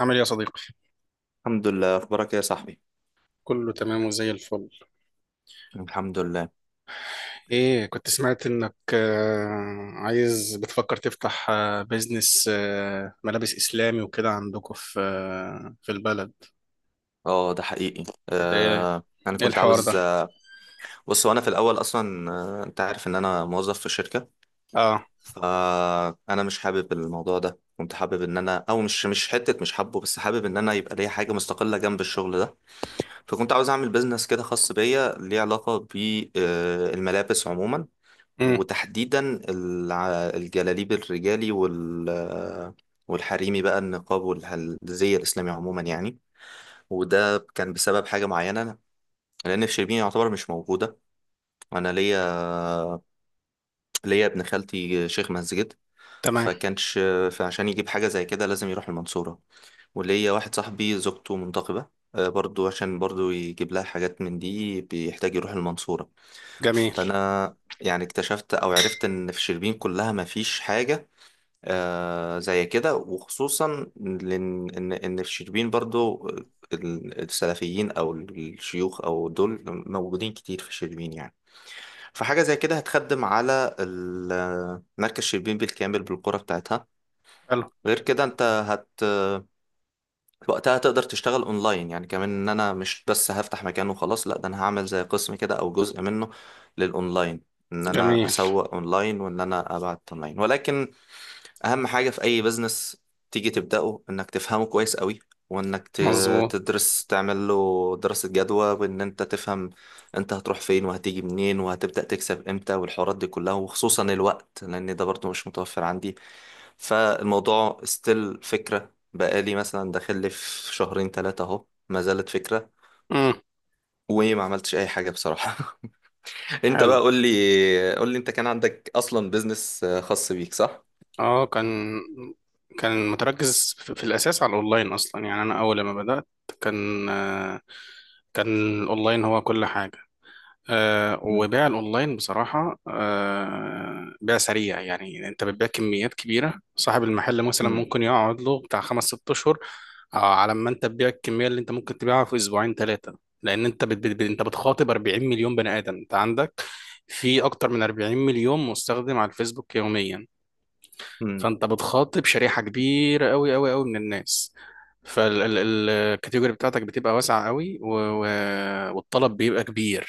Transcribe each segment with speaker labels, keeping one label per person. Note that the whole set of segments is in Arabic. Speaker 1: عامل ايه يا صديقي؟
Speaker 2: الحمد لله. اخبارك إيه يا صاحبي؟
Speaker 1: كله تمام وزي الفل.
Speaker 2: الحمد لله.
Speaker 1: ايه كنت سمعت انك بتفكر تفتح بيزنس ملابس اسلامي وكده عندكم في البلد.
Speaker 2: اه، ده حقيقي،
Speaker 1: ده ايه
Speaker 2: انا
Speaker 1: ايه
Speaker 2: كنت
Speaker 1: الحوار ده؟
Speaker 2: عاوز. بص، وانا في الاول اصلا، انت عارف ان انا موظف في شركه.
Speaker 1: اه.
Speaker 2: فانا مش حابب الموضوع ده، كنت حابب ان انا، او مش حته، مش حابه، بس حابب ان انا يبقى ليا حاجه مستقله جنب الشغل ده. فكنت عاوز اعمل بيزنس كده خاص بيا ليه علاقه بالملابس عموما،
Speaker 1: امم.
Speaker 2: وتحديدا الجلاليب الرجالي والحريمي بقى، النقاب والزي الاسلامي عموما يعني. وده كان بسبب حاجة معينة. أنا لأن في شربين يعتبر مش موجودة. أنا ليا، ابن خالتي شيخ مسجد.
Speaker 1: تمام.
Speaker 2: فكانش فعشان يجيب حاجة زي كده لازم يروح المنصورة. وليا واحد صاحبي زوجته منتقبة، برضو عشان برضو يجيب لها حاجات من دي بيحتاج يروح المنصورة.
Speaker 1: جميل.
Speaker 2: فأنا يعني اكتشفت أو عرفت إن في شربين كلها مفيش حاجة زي كده، وخصوصا لأن إن الشربين برضو، السلفيين أو الشيوخ أو دول موجودين كتير في الشربين يعني. فحاجة زي كده هتخدم على مركز شربين بالكامل بالقرى بتاعتها.
Speaker 1: حلو.
Speaker 2: غير كده أنت هت وقتها تقدر تشتغل أونلاين يعني كمان. إن أنا مش بس هفتح مكان وخلاص، لأ، ده أنا هعمل زي قسم كده أو جزء منه للأونلاين. إن أنا
Speaker 1: جميل.
Speaker 2: أسوق أونلاين وإن أنا أبعت أونلاين. ولكن اهم حاجة في اي بزنس تيجي تبدأه انك تفهمه كويس قوي، وانك
Speaker 1: مظبوط.
Speaker 2: تدرس، تعمل له دراسة جدوى، وان انت تفهم انت هتروح فين وهتيجي منين وهتبدأ تكسب امتى والحوارات دي كلها. وخصوصا الوقت لان ده برضه مش متوفر عندي. فالموضوع ستيل فكرة، بقالي مثلا داخل لي في شهرين ثلاثة اهو ما زالت فكرة،
Speaker 1: امم.
Speaker 2: وما عملتش اي حاجة بصراحة. انت
Speaker 1: حلو.
Speaker 2: بقى قول لي انت كان عندك اصلا بزنس خاص بيك، صح؟
Speaker 1: اه. كان متركز في الاساس على الاونلاين اصلا، يعني انا اول ما بدأت كان آه، كان الاونلاين هو كل حاجة.
Speaker 2: مم.
Speaker 1: وبيع الاونلاين بصراحه بيع سريع، يعني انت بتبيع كميات كبيره. صاحب المحل مثلا
Speaker 2: مم.
Speaker 1: ممكن يقعد له بتاع خمس ست اشهر على ما انت تبيع الكميه اللي انت ممكن تبيعها في اسبوعين ثلاثه، لان انت بت بت انت بتخاطب 40 مليون بني ادم. انت عندك في اكتر من 40 مليون مستخدم على الفيسبوك يوميا، فانت بتخاطب شريحه كبيره قوي قوي قوي من الناس. فالكاتيجوري بتاعتك بتبقى واسعه قوي، والطلب بيبقى كبير.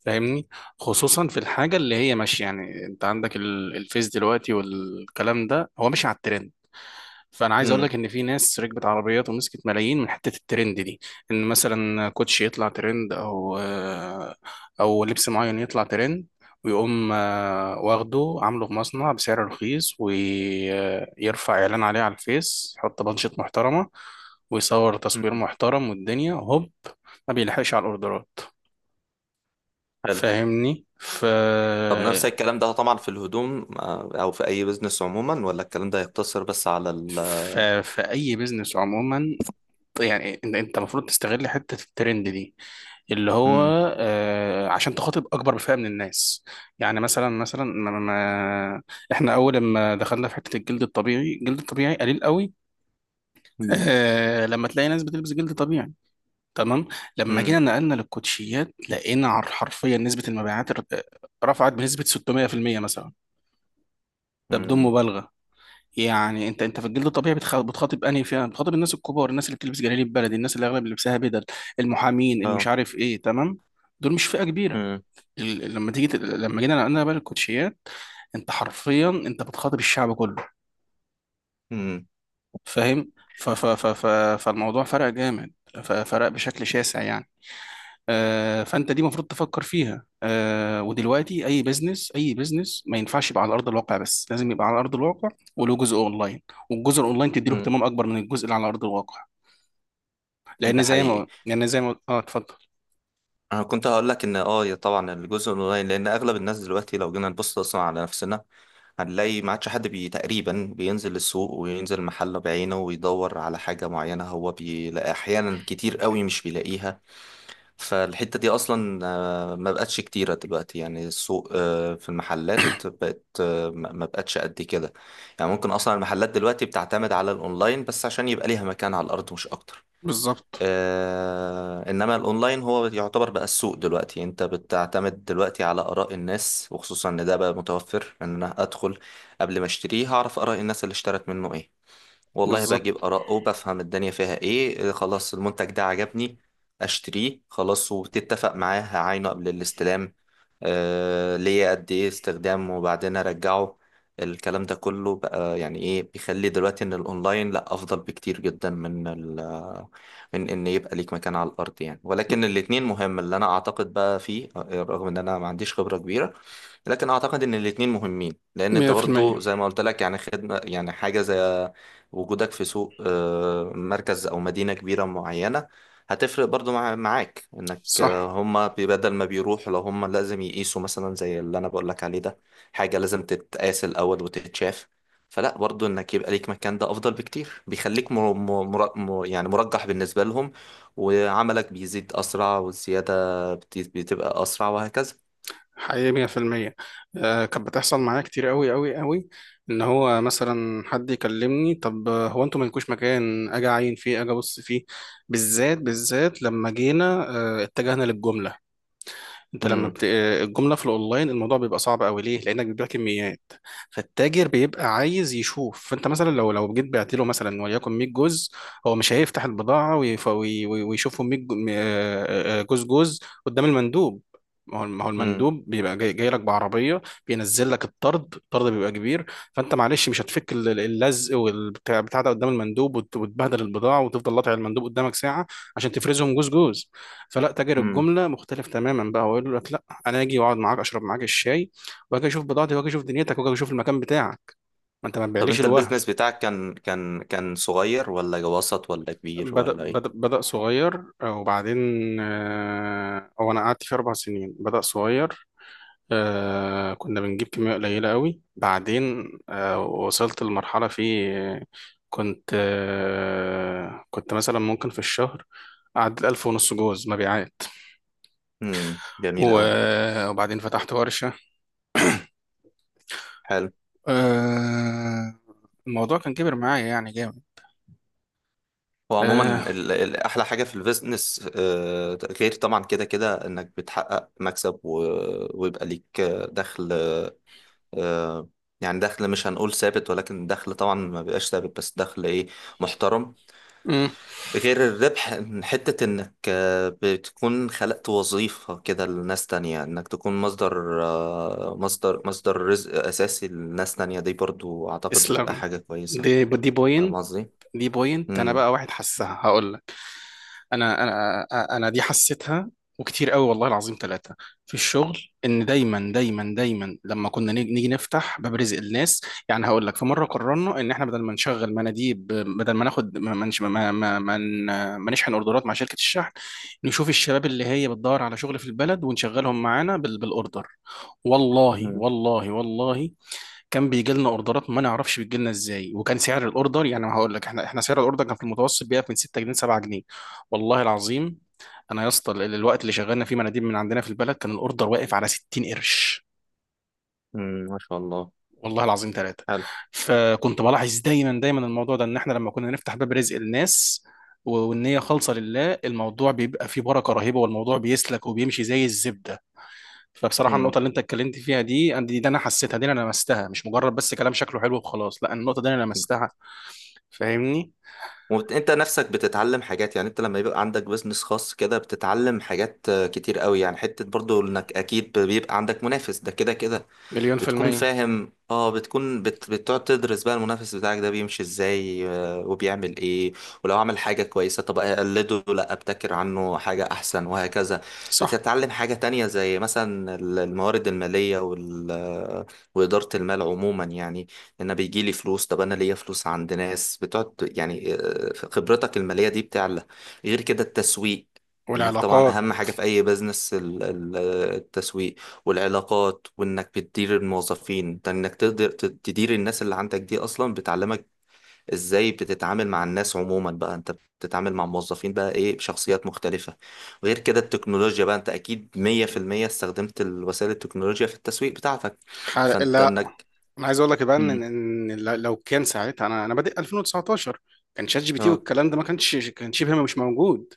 Speaker 1: فاهمني؟ خصوصا في الحاجه اللي هي ماشيه، يعني انت عندك الفيس دلوقتي والكلام ده هو ماشي على الترند. فانا عايز اقول
Speaker 2: مم.
Speaker 1: لك ان في ناس ركبت عربيات ومسكت ملايين من حته الترند دي. ان مثلا كوتش يطلع ترند او لبس معين يطلع ترند، ويقوم واخده عامله في مصنع بسعر رخيص ويرفع اعلان عليه على الفيس، يحط بانشات محترمه ويصور تصوير
Speaker 2: مم.
Speaker 1: محترم والدنيا هوب، ما بيلحقش على الاوردرات.
Speaker 2: حلو.
Speaker 1: فاهمني؟
Speaker 2: طب نفس الكلام ده طبعا في الهدوم، او في اي بزنس عموما، ولا الكلام ده يقتصر بس على ال.
Speaker 1: في اي بيزنس عموما، يعني انت انت المفروض تستغل حته الترند دي، اللي هو
Speaker 2: مم.
Speaker 1: عشان تخاطب اكبر فئه من الناس. يعني مثلا مثلا ما ما احنا اول ما دخلنا في حته الجلد الطبيعي، الجلد الطبيعي قليل قوي،
Speaker 2: مم.
Speaker 1: لما تلاقي ناس بتلبس جلد طبيعي. تمام. لما
Speaker 2: مم.
Speaker 1: جينا نقلنا للكوتشيات لقينا حرفيا نسبه المبيعات رفعت بنسبه 600% مثلا، ده بدون
Speaker 2: مم.
Speaker 1: مبالغه. يعني انت انت في الجلد الطبيعي بتخاطب انهي فئه؟ بتخاطب الناس الكبار، الناس اللي بتلبس جلاليب بلدي، الناس اللي اغلب لبسها بدل، المحامين اللي مش
Speaker 2: اه.
Speaker 1: عارف ايه، تمام؟ دول مش فئه كبيره.
Speaker 2: مم.
Speaker 1: لما جينا نقلنا بقى الكوتشيات، انت حرفيا انت بتخاطب الشعب كله.
Speaker 2: مم.
Speaker 1: فاهم؟ ف ف ف ف فالموضوع فرق جامد، فرق بشكل شاسع يعني. فانت دي المفروض تفكر فيها. ودلوقتي اي بزنس، اي بزنس ما ينفعش يبقى على ارض الواقع بس، لازم يبقى على ارض الواقع وله جزء اونلاين، والجزء الاونلاين تدي له
Speaker 2: مم.
Speaker 1: اهتمام اكبر من الجزء اللي على ارض الواقع. لان
Speaker 2: ده
Speaker 1: زي ما
Speaker 2: حقيقي.
Speaker 1: اه اتفضل.
Speaker 2: انا كنت هقول لك ان يا طبعا الجزء الاونلاين. لان اغلب الناس دلوقتي لو جينا نبص اصلا على نفسنا، هنلاقي ما عادش حد تقريبا بينزل السوق وينزل محله بعينه ويدور على حاجة معينة، هو بيلاقي أحيانا كتير قوي مش بيلاقيها. فالحتة دي أصلا، ما بقتش كتيرة دلوقتي. يعني السوق، في المحلات بقت، ما بقتش قد كده. يعني ممكن أصلا المحلات دلوقتي بتعتمد على الأونلاين بس عشان يبقى ليها مكان على الأرض مش أكتر.
Speaker 1: بالظبط.
Speaker 2: إنما الأونلاين هو يعتبر بقى السوق دلوقتي. أنت بتعتمد دلوقتي على آراء الناس، وخصوصا إن ده بقى متوفر. إن أنا أدخل قبل ما أشتريه هعرف آراء الناس اللي اشترت منه إيه. والله
Speaker 1: بالظبط
Speaker 2: بجيب آراء وبفهم الدنيا فيها إيه، خلاص المنتج ده عجبني أشتريه خلاص. وتتفق معاه هعاينه قبل الاستلام، ليا قد إيه استخدام وبعدين أرجعه. الكلام ده كله بقى يعني إيه بيخلي دلوقتي إن الأونلاين لأ أفضل بكتير جدا من إن يبقى ليك مكان على الأرض يعني. ولكن الاتنين مهم. اللي أنا أعتقد بقى فيه، رغم إن أنا ما عنديش خبرة كبيرة، لكن اعتقد ان الاتنين مهمين. لان انت برضو
Speaker 1: 100%.
Speaker 2: زي ما قلت لك، يعني خدمة يعني حاجة زي وجودك في سوق، مركز او مدينة كبيرة معينة، هتفرق برضو معاك انك،
Speaker 1: صح.
Speaker 2: هما بدل ما بيروحوا لو هما لازم يقيسوا مثلا زي اللي انا بقول لك عليه ده، حاجة لازم تتقاس الاول وتتشاف. فلا برضو انك يبقى ليك مكان ده افضل بكتير، بيخليك يعني مرجح بالنسبة لهم. وعملك بيزيد اسرع، والزيادة بتبقى اسرع وهكذا.
Speaker 1: حقيقي 100%. كانت بتحصل معايا كتير قوي قوي قوي، ان هو مثلا حد يكلمني، طب هو انتوا مالكوش مكان اجي اعين فيه، اجي ابص فيه؟ بالذات بالذات لما جينا آه اتجهنا للجمله. انت لما الجمله في الاونلاين الموضوع بيبقى صعب قوي، ليه؟ لانك بتبيع كميات. فالتاجر بيبقى عايز يشوف، فانت مثلا لو جيت بعت له مثلا وليكن 100 جزء، هو مش هيفتح البضاعه ويشوفهم 100 جزء جزء قدام المندوب. ما هو
Speaker 2: مم.
Speaker 1: المندوب بيبقى جاي لك بعربيه، بينزل لك الطرد بيبقى كبير. فانت معلش مش هتفك اللزق والبتاع بتاع ده قدام المندوب وتبهدل البضاعه وتفضل قاطع المندوب قدامك ساعه عشان تفرزهم جزء جزء. فلا، تاجر
Speaker 2: امم
Speaker 1: الجمله مختلف تماما بقى، هو يقول لك لا، انا اجي واقعد معاك اشرب معاك الشاي، واجي اشوف بضاعتي، واجي اشوف دنيتك، واجي اشوف المكان بتاعك. ما انت ما
Speaker 2: طب
Speaker 1: تبيعليش
Speaker 2: انت
Speaker 1: الوهم.
Speaker 2: البيزنس بتاعك كان صغير ولا وسط ولا كبير
Speaker 1: بدأ
Speaker 2: ولا
Speaker 1: بدأ
Speaker 2: ايه؟
Speaker 1: بدأ صغير، وبعدين هو انا قعدت فيه 4 سنين. بدأ صغير، كنا بنجيب كمية قليلة قوي، بعدين وصلت لمرحلة فيه كنت كنت مثلا ممكن في الشهر أعدل 1,500 جوز مبيعات.
Speaker 2: امم. جميل قوي.
Speaker 1: وبعدين فتحت ورشة.
Speaker 2: حلو.
Speaker 1: آه الموضوع كان كبر معايا يعني جامد.
Speaker 2: هو
Speaker 1: آه.
Speaker 2: عموما احلى حاجه في البيزنس، غير طبعا كده كده انك بتحقق مكسب ويبقى ليك، دخل. آه، يعني دخل، مش هنقول ثابت، ولكن دخل طبعا ما بيبقاش ثابت بس دخل ايه، محترم.
Speaker 1: مم.
Speaker 2: غير الربح، إن حتة انك بتكون خلقت وظيفة كده لناس تانية، انك تكون مصدر، مصدر رزق اساسي لناس تانية، دي برضو اعتقد بتبقى
Speaker 1: تسلم.
Speaker 2: حاجة كويسة.
Speaker 1: دي
Speaker 2: فاهم
Speaker 1: بوينت.
Speaker 2: قصدي؟
Speaker 1: دي بوينت، انا
Speaker 2: مم.
Speaker 1: بقى واحد حسها، هقول لك. انا انا انا دي حسيتها، وكتير قوي، والله العظيم ثلاثة في الشغل، ان دايما دايما دايما لما كنا نيجي نفتح باب رزق الناس. يعني هقول لك، في مرة قررنا ان احنا بدل ما نشغل مناديب، بدل ما ناخد ما ما ما ما, ما ن- ما نشحن اوردرات مع شركة الشحن، نشوف الشباب اللي هي بتدور على شغل في البلد ونشغلهم معانا بالاوردر. والله
Speaker 2: مم.
Speaker 1: والله والله، كان بيجي لنا اوردرات ما نعرفش بتجي لنا ازاي، وكان سعر الاوردر، يعني هقول لك، احنا سعر الاوردر كان في المتوسط بيقف من 6 جنيه، 7 جنيه، والله العظيم. انا يا اسطى الوقت اللي شغلنا فيه مناديب من عندنا في البلد، كان الاوردر واقف على 60 قرش،
Speaker 2: مم. ما شاء الله.
Speaker 1: والله العظيم ثلاثة.
Speaker 2: حلو.
Speaker 1: فكنت بلاحظ دايما دايما الموضوع ده، ان احنا لما كنا نفتح باب رزق الناس والنية خالصة لله، الموضوع بيبقى فيه بركة رهيبة، والموضوع بيسلك وبيمشي زي الزبدة. فبصراحه
Speaker 2: مم.
Speaker 1: النقطه اللي انت اتكلمت فيها دي، دي انا حسيتها، دي انا لمستها، مش مجرد بس كلام شكله حلو وخلاص، لا، النقطه دي انا لمستها. فاهمني؟
Speaker 2: وانت نفسك بتتعلم حاجات، يعني انت لما يبقى عندك بيزنس خاص كده بتتعلم حاجات، كتير قوي. يعني حتة برضو انك اكيد بيبقى عندك منافس ده كده كده،
Speaker 1: مليون في
Speaker 2: بتكون
Speaker 1: المية
Speaker 2: فاهم. اه، بتكون بتقعد تدرس بقى المنافس بتاعك ده بيمشي ازاي، وبيعمل ايه. ولو عمل حاجة كويسة، طب اقلده، لا ابتكر عنه حاجة احسن وهكذا.
Speaker 1: صح.
Speaker 2: بتتعلم حاجة تانية زي مثلا الموارد المالية وال... آه، وإدارة المال عموما يعني. انا بيجي لي فلوس، طب انا ليا فلوس عند ناس بتقعد يعني، خبرتك المالية دي بتعلى. غير كده التسويق. انك طبعا
Speaker 1: والعلاقات.
Speaker 2: اهم حاجة في اي بزنس التسويق والعلاقات. وانك بتدير الموظفين، ده انك تقدر تدير الناس اللي عندك دي اصلا بتعلمك ازاي بتتعامل مع الناس عموما بقى. انت بتتعامل مع موظفين بقى ايه، بشخصيات مختلفة. غير كده التكنولوجيا بقى، انت اكيد 100% استخدمت الوسائل التكنولوجيا في التسويق بتاعتك. فانت
Speaker 1: لا،
Speaker 2: انك.
Speaker 1: انا عايز اقول لك بقى
Speaker 2: مم.
Speaker 1: لو كان ساعتها انا بادئ 2019، كان شات جي بي تي
Speaker 2: اه.
Speaker 1: والكلام ده ما كانش، كان شبه مش موجود.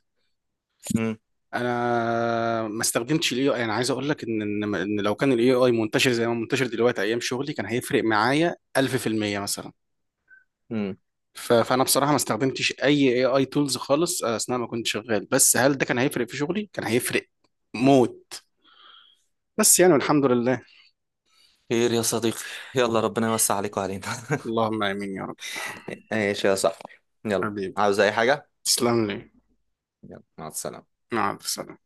Speaker 2: مم.
Speaker 1: انا ما استخدمتش الاي اي. انا عايز اقول لك ان ان إن لو كان الاي اي منتشر زي ما منتشر دلوقتي ايام شغلي، كان هيفرق معايا 1000% مثلا.
Speaker 2: مم.
Speaker 1: فانا بصراحه ما استخدمتش اي اي اي تولز خالص، اثناء ما كنت شغال، بس هل ده كان هيفرق في شغلي؟ كان هيفرق موت. بس يعني، والحمد لله.
Speaker 2: خير يا صديقي. يلا ربنا يوسع عليك وعلينا.
Speaker 1: اللهم امين يا رب.
Speaker 2: ايش يا صاحبي. يلا.
Speaker 1: حبيبي.
Speaker 2: عاوز اي حاجة.
Speaker 1: تسلم لي.
Speaker 2: يلا مع السلامة.
Speaker 1: مع السلامه.